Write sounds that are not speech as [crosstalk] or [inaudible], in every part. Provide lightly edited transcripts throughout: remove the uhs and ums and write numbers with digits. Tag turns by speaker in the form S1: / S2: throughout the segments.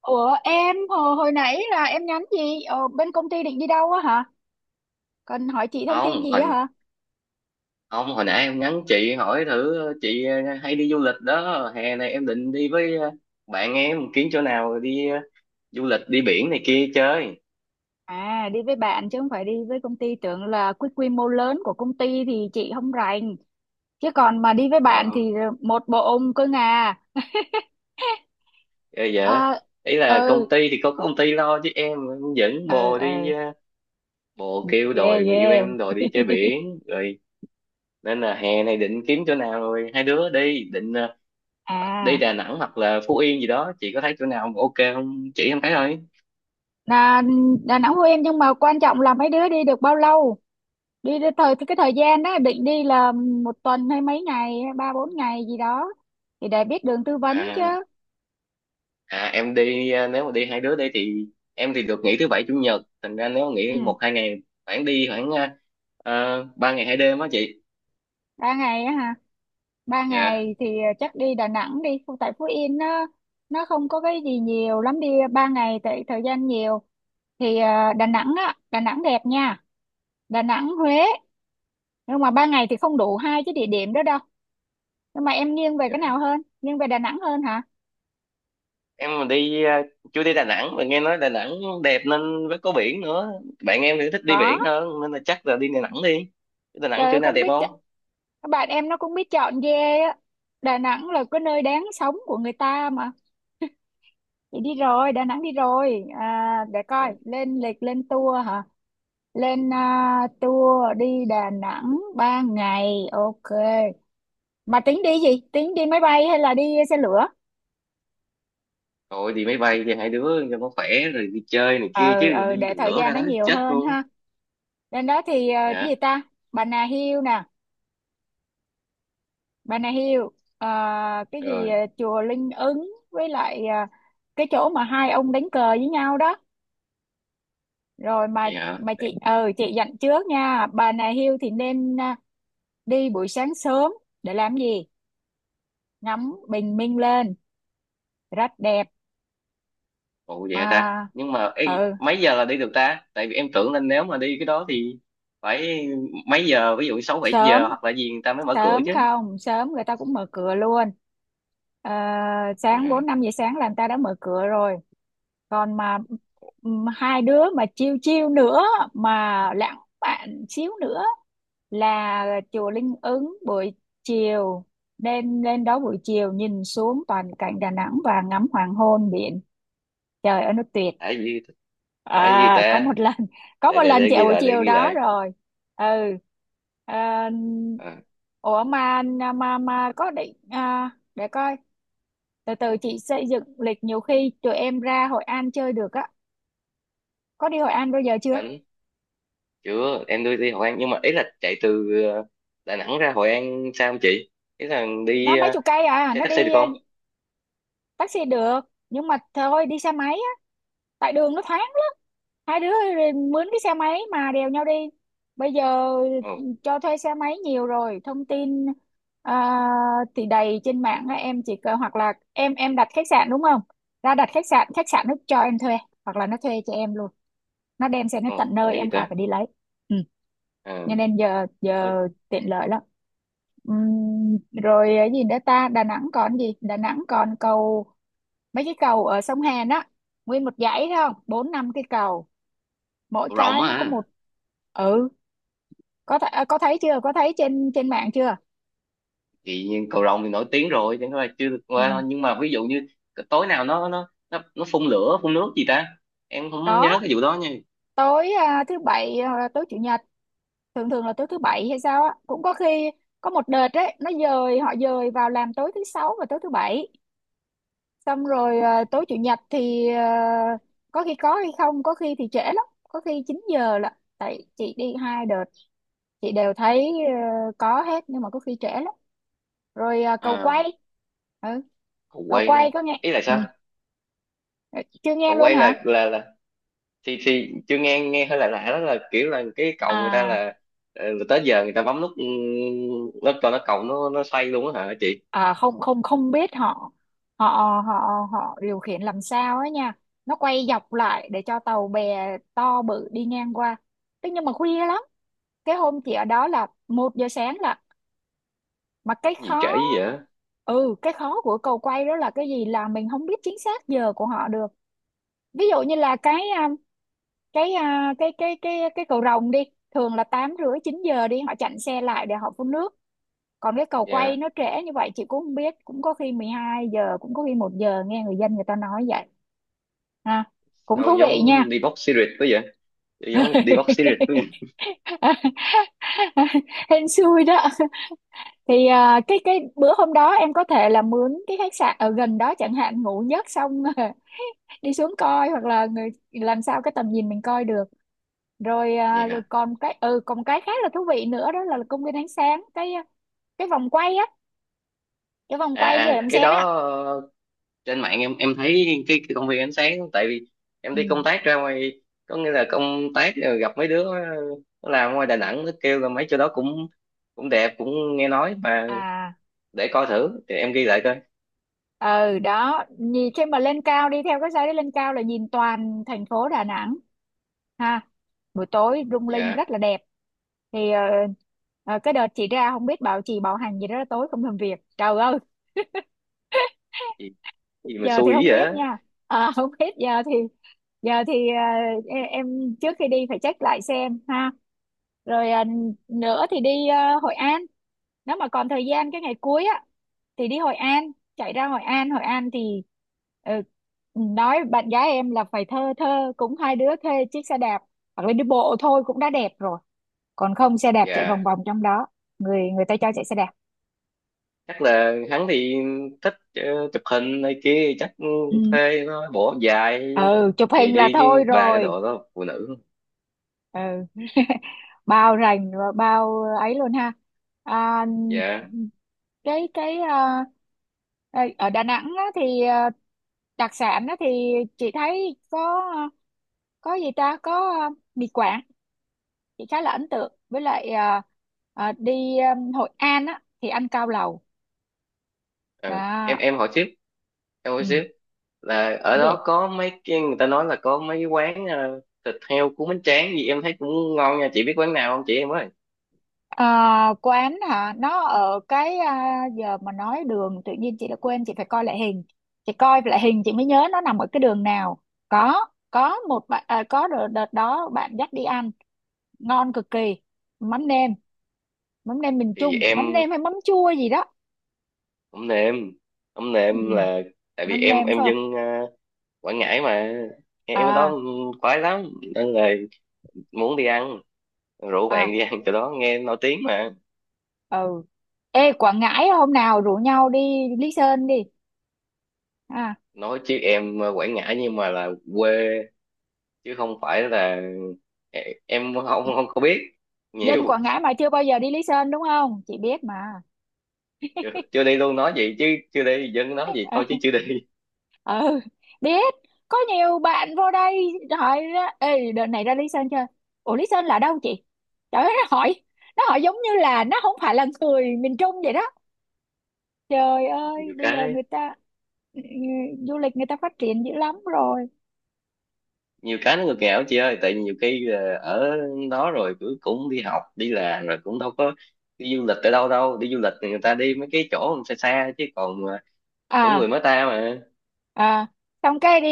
S1: Ủa em hồi nãy là em nhắn gì? Ờ, bên công ty định đi đâu á hả? Cần hỏi chị thông tin
S2: không
S1: gì á
S2: hồi
S1: hả?
S2: không, hồi nãy em nhắn chị hỏi thử chị, hay đi du lịch đó. Hè này em định đi với bạn em, kiếm chỗ nào đi du lịch, đi biển này kia chơi
S1: À, đi với bạn chứ không phải đi với công ty, tưởng là quy quy mô lớn của công ty thì chị không rành. Chứ còn mà đi với bạn
S2: đó.
S1: thì một bộ ông cơ ngà.
S2: Ờ, dạ,
S1: À,
S2: ý là
S1: ừ,
S2: công ty thì có công ty lo, chứ em dẫn
S1: ừ,
S2: bồ đi
S1: ừ,
S2: bồ kêu,
S1: yeah,
S2: đòi người yêu
S1: yeah.
S2: em đòi đi chơi biển rồi. Nên là hè này định kiếm chỗ nào rồi hai đứa đi, định đi
S1: À
S2: Đà Nẵng hoặc là Phú Yên gì đó. Chị có thấy chỗ nào ok không chỉ em thấy thôi.
S1: là Đà Nẵng, Phú Yên, nhưng mà quan trọng là mấy đứa đi được bao lâu? Đi được thời cái thời gian đó định đi là một tuần hay mấy ngày, 3 4 ngày gì đó thì để biết đường tư vấn chứ.
S2: À À em đi, nếu mà đi hai đứa đi thì em thì được nghỉ thứ bảy chủ nhật, thành ra nếu
S1: Ừ,
S2: nghỉ 1 2 ngày, khoảng đi khoảng 3 ngày 2 đêm á chị.
S1: 3 ngày á hả? Ba
S2: Dạ,
S1: ngày thì chắc đi Đà Nẵng đi. Không- tại Phú Yên nó không có cái gì nhiều lắm, đi 3 ngày tại thời gian nhiều thì Đà Nẵng á, Đà Nẵng đẹp nha. Đà Nẵng, Huế, nhưng mà 3 ngày thì không đủ 2 cái địa điểm đó đâu. Nhưng mà em nghiêng về cái nào hơn? Nghiêng về Đà Nẵng hơn hả?
S2: em mà đi, chưa đi Đà Nẵng mà nghe nói Đà Nẵng đẹp nên, với có biển nữa, bạn em thì thích đi
S1: Có.
S2: biển hơn nên là chắc là đi Đà Nẵng đi. Đà Nẵng
S1: Trời
S2: chỗ
S1: ơi,
S2: nào
S1: cũng
S2: đẹp
S1: biết chọn-
S2: không?
S1: các bạn em nó cũng biết chọn ghê á. Đà Nẵng là cái nơi đáng sống của người ta mà. Thì đi rồi, Đà Nẵng đi rồi. À, để coi,
S2: Ừ.
S1: lên lịch lên tour hả? Lên tour đi Đà Nẵng 3 ngày, ok. Mà tính đi gì, tính đi máy bay hay là đi xe lửa?
S2: Thôi đi máy bay cho hai đứa cho nó khỏe, rồi đi chơi này kia
S1: ờ
S2: chứ
S1: ờ
S2: đi
S1: để
S2: đường
S1: thời
S2: lửa
S1: gian
S2: ra
S1: nó
S2: đó
S1: nhiều
S2: chết
S1: hơn
S2: luôn á.
S1: ha. Lên đó thì cái gì
S2: Dạ.
S1: ta, Bà Nà Hills nè, Bà Nà Hills, ờ, cái gì,
S2: Rồi.
S1: chùa Linh Ứng, với lại cái chỗ mà hai ông đánh cờ với nhau đó, rồi mà
S2: Vậy hả?
S1: mà chị, chị dặn trước nha, Bà Nà Hills thì nên đi buổi sáng sớm, để làm gì, ngắm bình minh lên, rất đẹp.
S2: Ủa vậy hả ta?
S1: À,
S2: Nhưng mà ê,
S1: ừ,
S2: mấy giờ là đi được ta? Tại vì em tưởng là nếu mà đi cái đó thì phải mấy giờ, ví dụ 6 7
S1: sớm.
S2: giờ hoặc là gì người ta mới mở cửa
S1: Sớm
S2: chứ.
S1: không sớm người ta cũng mở cửa luôn. Ờ, sáng
S2: Yeah.
S1: 4 5 giờ sáng là người ta đã mở cửa rồi. Còn mà hai đứa mà chiêu chiêu nữa, mà lãng mạn xíu nữa, là chùa Linh Ứng buổi chiều, nên lên đó buổi chiều nhìn xuống toàn cảnh Đà Nẵng và ngắm hoàng hôn biển, trời ơi nó tuyệt.
S2: Đã gì! Đã gì
S1: Có
S2: ta!
S1: một lần, có một lần
S2: Để
S1: chị ở
S2: ghi
S1: buổi
S2: lại, để
S1: chiều
S2: ghi
S1: đó
S2: lại.
S1: rồi. Ừ, à,
S2: à,
S1: ủa mà, mà có định để coi, từ từ chị xây dựng lịch, nhiều khi tụi em ra Hội An chơi được á. Có đi Hội An bao giờ chưa?
S2: đến Chưa, em đi đi Hội An nhưng mà ý là chạy từ Đà Nẵng ra Hội An sao không chị, ý là
S1: Nó
S2: đi
S1: mấy chục cây,
S2: xe
S1: nó
S2: taxi được
S1: đi,
S2: không?
S1: taxi được, nhưng mà thôi đi xe máy, tại đường nó thoáng lắm. Hai đứa rồi mướn cái xe máy mà đèo nhau đi. Bây giờ
S2: ồ
S1: cho thuê xe máy nhiều rồi, thông tin à, thì đầy trên mạng á. Em chỉ cần, hoặc là em đặt khách sạn đúng không, ra đặt khách sạn, khách sạn nó cho em thuê, hoặc là nó thuê cho em luôn, nó đem xe nó tận
S2: ồ
S1: nơi,
S2: tại gì
S1: em khỏi
S2: ta.
S1: phải đi lấy. Ừ.
S2: Ờ.
S1: Cho nên giờ
S2: Ờ,
S1: giờ
S2: rộng.
S1: tiện lợi lắm. Ừm, rồi cái gì nữa ta, Đà Nẵng còn gì, Đà Nẵng còn cầu, mấy cái cầu ở sông Hàn á, nguyên một dãy thấy không, 4 5 cái cầu, mỗi
S2: Rồng
S1: cái
S2: á
S1: nó có
S2: hả?
S1: một. Ừ, có th có thấy chưa, có thấy trên trên mạng chưa?
S2: Thì nhiên cầu Rồng thì nổi tiếng rồi, chẳng qua là chưa được qua
S1: Ừ,
S2: thôi, nhưng mà ví dụ như tối nào nó phun lửa phun nước gì ta, em không
S1: có.
S2: nhớ cái vụ đó nha.
S1: Tối thứ bảy, tối chủ nhật, thường thường là tối thứ bảy hay sao á, cũng có khi. Có một đợt đấy nó dời, họ dời vào làm tối thứ sáu và tối thứ bảy, xong rồi tối chủ nhật thì có khi có hay không, có khi thì trễ lắm, có khi 9 giờ, là tại chị đi 2 đợt, chị đều thấy có hết, nhưng mà có khi trễ lắm. Rồi cầu quay.
S2: à
S1: Ừ,
S2: Cầu
S1: cầu
S2: quay,
S1: quay có nghe.
S2: ý là
S1: Ừ,
S2: sao?
S1: chưa nghe
S2: Cầu
S1: luôn
S2: quay
S1: hả?
S2: là, thì chưa nghe, nghe hơi lạ lạ. Đó là kiểu là cái cầu người ta
S1: à
S2: là, là tới giờ người ta bấm nút, ừ, nó cho nó cầu, nó xoay luôn á hả chị?
S1: à không không không, biết họ, họ họ họ điều khiển làm sao ấy nha, nó quay dọc lại để cho tàu bè to bự đi ngang qua. Thế nhưng mà khuya lắm, cái hôm chị ở đó là 1 giờ sáng. Mà cái
S2: Gì
S1: khó,
S2: trễ dữ vậy!
S1: ừ, cái khó của cầu quay đó là cái gì, là mình không biết chính xác giờ của họ được. Ví dụ như là cái cầu rồng đi, thường là 8 rưỡi 9 giờ đi, họ chặn xe lại để họ phun nước. Còn cái cầu quay
S2: Dạ.
S1: nó trễ như vậy, chị cũng không biết, cũng có khi 12 giờ, cũng có khi 1 giờ, nghe người dân người ta nói vậy. Ha, cũng
S2: Sao
S1: thú vị nha.
S2: giống đi box series quá vậy!
S1: [laughs]
S2: Giống đi box series quá vậy.
S1: Hên xui đó. Thì cái bữa hôm đó em có thể là mướn cái khách sạn ở gần đó chẳng hạn, ngủ giấc xong [laughs] đi xuống coi, hoặc là người làm sao cái tầm nhìn mình coi được. Rồi à, rồi
S2: Dạ.
S1: còn cái, còn cái khác là thú vị nữa, đó là công viên ánh sáng, cái cái vòng quay á, cái vòng
S2: À
S1: quay như
S2: à,
S1: đầm
S2: cái
S1: sen á.
S2: đó trên mạng em thấy, cái công viên ánh sáng. Tại vì em đi công
S1: Ừ,
S2: tác ra ngoài, có nghĩa là công tác rồi gặp mấy đứa, nó làm ngoài Đà Nẵng, nó kêu là mấy chỗ đó cũng cũng đẹp, cũng nghe nói mà,
S1: à,
S2: để coi thử thì em ghi lại coi.
S1: ừ, đó, nhìn khi mà lên cao, đi theo cái dây đấy lên cao là nhìn toàn thành phố Đà Nẵng, ha, buổi tối lung linh
S2: Dạ.
S1: rất là đẹp. Thì cái đợt chị ra không biết bảo, chị bảo hành gì đó, tối không làm việc, trời ơi.
S2: Gì, gì mà
S1: Giờ thì
S2: xui
S1: không
S2: dữ vậy
S1: biết
S2: á?
S1: nha. À, [laughs] không biết, giờ thì, giờ thì à, e- em trước khi đi phải check lại xem ha. Rồi nữa thì đi Hội An, nếu mà còn thời gian cái ngày cuối á thì đi Hội An, chạy ra Hội An. Hội An thì ờ, nói bạn gái em là phải thơ thơ cũng, hai đứa thuê chiếc xe đạp hoặc là đi bộ thôi cũng đã đẹp rồi. Còn không xe đạp chạy vòng
S2: Dạ.
S1: vòng trong đó, người người ta cho chạy xe đạp.
S2: Chắc là hắn thì thích, chụp hình này kia chắc.
S1: Ừ.
S2: Thuê nó bỏ dài
S1: Ừ, chụp
S2: gì
S1: hình là
S2: đi chứ,
S1: thôi
S2: ba cái
S1: rồi.
S2: đồ đó phụ nữ.
S1: Ừ, [laughs] bao rành và bao ấy luôn ha. à,
S2: Dạ.
S1: cái Ê, ở Đà Nẵng á, thì đặc sản á, thì chị thấy có có gì ta, có mì Quảng, chị khá là ấn tượng. Với lại đi Hội An á, thì ăn cao lầu
S2: Ừ.
S1: đó.
S2: em hỏi tiếp, em
S1: Ừ.
S2: hỏi tiếp, là ở đó có mấy cái người ta nói là có mấy quán, thịt heo cuốn bánh tráng gì em thấy cũng ngon nha. Chị biết quán nào không chị em ơi?
S1: Ờ, quán hả, nó ở cái giờ mà nói đường tự nhiên chị đã quên, chị phải coi lại hình, chị coi lại hình chị mới nhớ nó nằm ở cái đường nào. Có một bạn có đợt, đợt đó bạn dắt đi ăn ngon cực kỳ. Mắm nêm, mắm nêm miền
S2: Thì
S1: Trung, mắm
S2: em
S1: nêm hay mắm chua gì đó.
S2: không nêm, không
S1: Ừ,
S2: nêm là tại vì
S1: mắm
S2: em
S1: nêm
S2: em
S1: phải không?
S2: dân, Quảng Ngãi mà, em ở đó
S1: À,
S2: khoái lắm, nên là muốn đi ăn, rủ
S1: à,
S2: bạn đi ăn chỗ đó nghe nổi tiếng mà.
S1: ừ. Ê, Quảng Ngãi hôm nào rủ nhau đi Lý Sơn đi. à
S2: Nói chứ em, Quảng Ngãi nhưng mà là quê, chứ không phải là em không không không có biết
S1: Dân
S2: nhiều.
S1: Quảng Ngãi mà chưa bao giờ đi Lý Sơn đúng không, chị biết mà.
S2: Chưa, chưa đi luôn. Nói vậy chứ chưa đi, dân nói vậy
S1: Ê,
S2: thôi chứ chưa đi.
S1: ừ, biết, có nhiều bạn vô đây hỏi, ra ê đợt này ra Lý Sơn chơi, ủa Lý Sơn là đâu chị, trời ơi nó hỏi, nó hỏi giống như là nó không phải là người miền Trung vậy đó. Trời
S2: [laughs]
S1: ơi,
S2: Nhiều
S1: bây giờ
S2: cái,
S1: người ta, ừ, ừ, du lịch người ta phát triển dữ lắm rồi.
S2: nhiều cái nó ngược nghèo chị ơi. Tại nhiều khi, ở đó rồi cứ cũng đi học đi làm rồi cũng đâu có đi du lịch ở đâu đâu. Đi du lịch thì người ta đi mấy cái chỗ xa xa chứ còn, của
S1: À,
S2: người mới ta mà.
S1: à, xong cái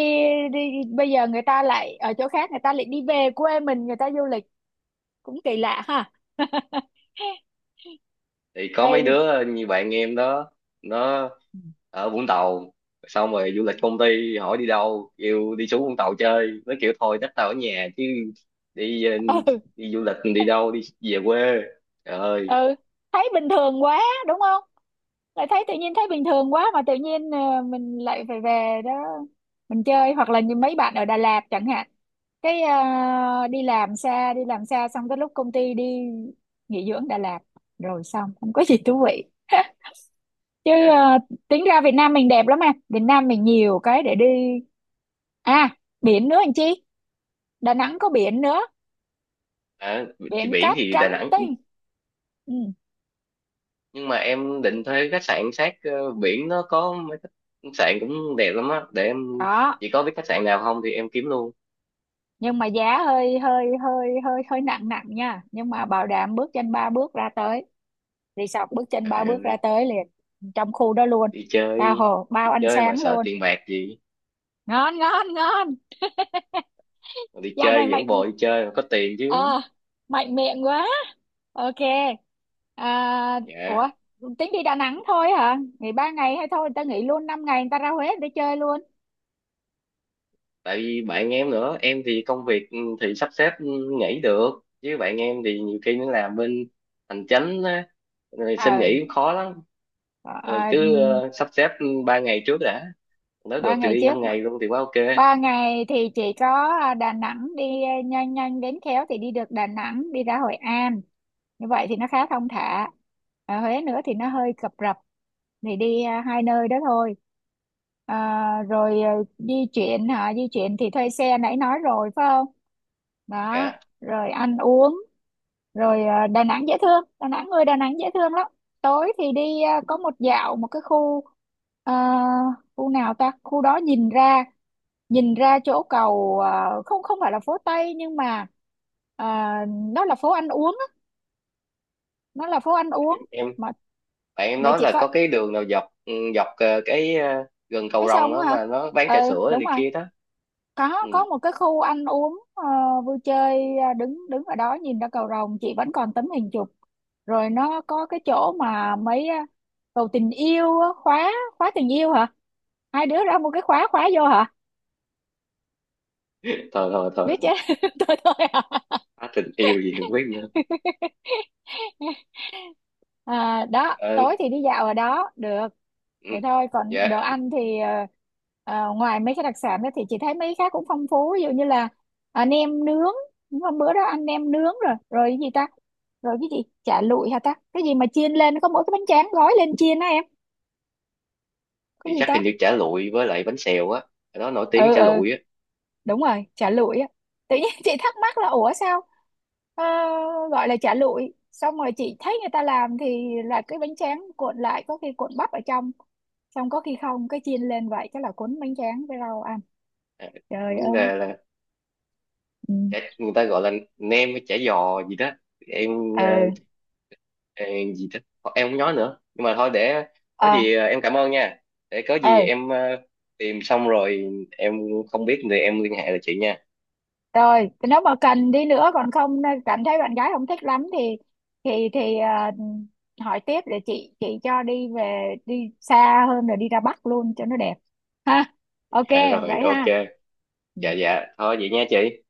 S1: đi bây giờ người ta lại ở chỗ khác, người ta lại đi về quê mình người ta du lịch, cũng kỳ lạ ha. [laughs]
S2: Thì có mấy
S1: Ê,
S2: đứa như bạn em đó, nó ở Vũng Tàu, xong rồi du lịch công ty hỏi đi đâu, kêu đi xuống Vũng Tàu chơi, nó kiểu thôi chắc tao ở nhà chứ, đi,
S1: ừ
S2: đi du lịch đi đâu, đi về quê, trời ơi!
S1: ừ, thấy bình thường quá đúng không, lại thấy tự nhiên thấy bình thường quá, mà tự nhiên mình lại phải về đó mình chơi. Hoặc là như mấy bạn ở Đà Lạt chẳng hạn, cái đi làm xa, đi làm xa xong cái lúc công ty đi nghỉ dưỡng Đà Lạt rồi xong không có gì thú vị. [laughs] Chứ
S2: Dạ.
S1: tính ra Việt Nam mình đẹp lắm mà, Việt Nam mình nhiều cái để đi. À, biển nữa anh chị, Đà Nẵng có biển nữa,
S2: À, thì
S1: biển
S2: biển
S1: cát
S2: thì Đà
S1: trắng
S2: Nẵng,
S1: tinh. Ừ.
S2: nhưng mà em định thuê khách sạn sát, biển, nó có mấy khách sạn cũng đẹp lắm á, để em,
S1: Đó,
S2: chỉ có biết khách sạn nào không thì em kiếm luôn.
S1: nhưng mà giá hơi hơi hơi hơi hơi nặng nặng nha, nhưng mà bảo đảm bước chân 3 bước ra tới resort, bước chân ba
S2: Trời
S1: bước ra
S2: ơi,
S1: tới liền, trong khu đó luôn,
S2: đi
S1: tha
S2: chơi!
S1: hồ
S2: Đi
S1: bao ăn
S2: chơi mà
S1: sáng
S2: sợ
S1: luôn.
S2: tiền bạc gì,
S1: Ngon, ngon, ngon.
S2: mà đi
S1: Dạo này
S2: chơi
S1: mạnh,
S2: dẫn bồ đi chơi mà có tiền chứ.
S1: ờ, mạnh miệng quá, ok. À,
S2: Dạ.
S1: ủa, tính đi Đà Nẵng thôi hả, nghỉ 3 ngày? Hay thôi người ta nghỉ luôn 5 ngày, người ta ra Huế người ta chơi luôn.
S2: Tại vì bạn em nữa, em thì công việc, ừ, thì sắp xếp, ừ, nghỉ được, chứ bạn em thì nhiều khi nó làm bên hành chánh á, rồi xin
S1: Ừ,
S2: nghỉ cũng khó lắm.
S1: ờ
S2: Rồi
S1: à,
S2: cứ, sắp xếp 3 ngày trước đã, nếu
S1: ba
S2: được thì
S1: ngày
S2: đi
S1: trước
S2: 5 ngày luôn thì quá ok.
S1: 3 ngày thì chỉ có Đà Nẵng, đi nhanh nhanh đến khéo thì đi được Đà Nẵng đi ra Hội An, như vậy thì nó khá thong thả. Ở Huế nữa thì nó hơi cập rập. Thì đi 2 nơi đó thôi. à, rồi à, Di chuyển hả, di chuyển thì thuê xe nãy nói rồi phải không. Đó,
S2: Dạ.
S1: rồi ăn uống. Rồi Đà Nẵng dễ thương, Đà Nẵng, người Đà Nẵng dễ thương lắm. Tối thì đi có một dạo, một cái khu à, khu nào ta, khu đó nhìn ra, nhìn ra chỗ cầu không, không phải là phố Tây, nhưng mà à, nó là phố ăn uống á, nó là phố ăn uống
S2: Em
S1: mà
S2: bạn em
S1: để
S2: nói
S1: chị
S2: là
S1: coi,
S2: có cái đường nào dọc, ừ, dọc, cái, gần
S1: ấy
S2: cầu Rồng
S1: xong
S2: đó
S1: á hả.
S2: mà nó bán
S1: Ừ,
S2: trà sữa
S1: đúng
S2: này
S1: rồi,
S2: kia đó. Ừ.
S1: có một cái khu ăn uống vui chơi, đứng đứng ở đó nhìn ra cầu Rồng, chị vẫn còn tấm hình chụp. Rồi nó có cái chỗ mà mấy cầu tình yêu á, khóa, khóa tình yêu hả, 2 đứa ra một cái khóa khóa vô hả,
S2: Thôi thôi thôi
S1: biết chứ.
S2: thôi!
S1: [laughs] Tôi thôi à.
S2: Á, tình yêu gì không biết nữa.
S1: [laughs] À, đó,
S2: Ờ.
S1: tối thì đi dạo ở đó được.
S2: Ừ.
S1: Thế thôi, còn đồ
S2: Dạ.
S1: ăn thì ngoài mấy cái đặc sản đó thì chị thấy mấy cái khác cũng phong phú, ví dụ như là nem nướng. Đúng, hôm bữa đó ăn nem nướng rồi, rồi cái gì ta, rồi cái gì, chả lụi hả ta, cái gì mà chiên lên có mỗi cái bánh tráng gói lên chiên á em, cái
S2: Thì
S1: gì
S2: chắc
S1: ta.
S2: hình như chả lụi với lại bánh xèo á, ở đó nổi tiếng
S1: Ừ,
S2: chả
S1: ừ,
S2: lụi á.
S1: đúng rồi, chả lụi á. Tự nhiên [laughs] chị thắc mắc là ủa sao ờ, gọi là chả lụi, xong rồi chị thấy người ta làm thì là cái bánh tráng cuộn lại, có khi cuộn bắp ở trong, xong có khi không, cái chiên lên, vậy chắc là cuốn bánh tráng với rau ăn.
S2: à,
S1: Trời
S2: Như
S1: ơi.
S2: là
S1: Ừ.
S2: chả, người ta gọi là nem với chả giò gì đó. Em,
S1: ờ
S2: ê, gì thích. Thôi, em không nói nữa, nhưng mà thôi, để có
S1: ờ
S2: gì, em cảm ơn nha. Để có
S1: ờ
S2: gì em, tìm xong rồi em không biết thì em liên hệ lại chị nha.
S1: Rồi nếu mà cần đi nữa, còn không cảm thấy bạn gái không thích lắm thì thì thì à, hỏi tiếp để chị cho đi, đi xa hơn rồi đi ra Bắc luôn cho nó đẹp, ha, ok.
S2: Dạ rồi,
S1: Vậy
S2: ok.
S1: ha. Ừ.
S2: Dạ dạ, thôi vậy nha chị.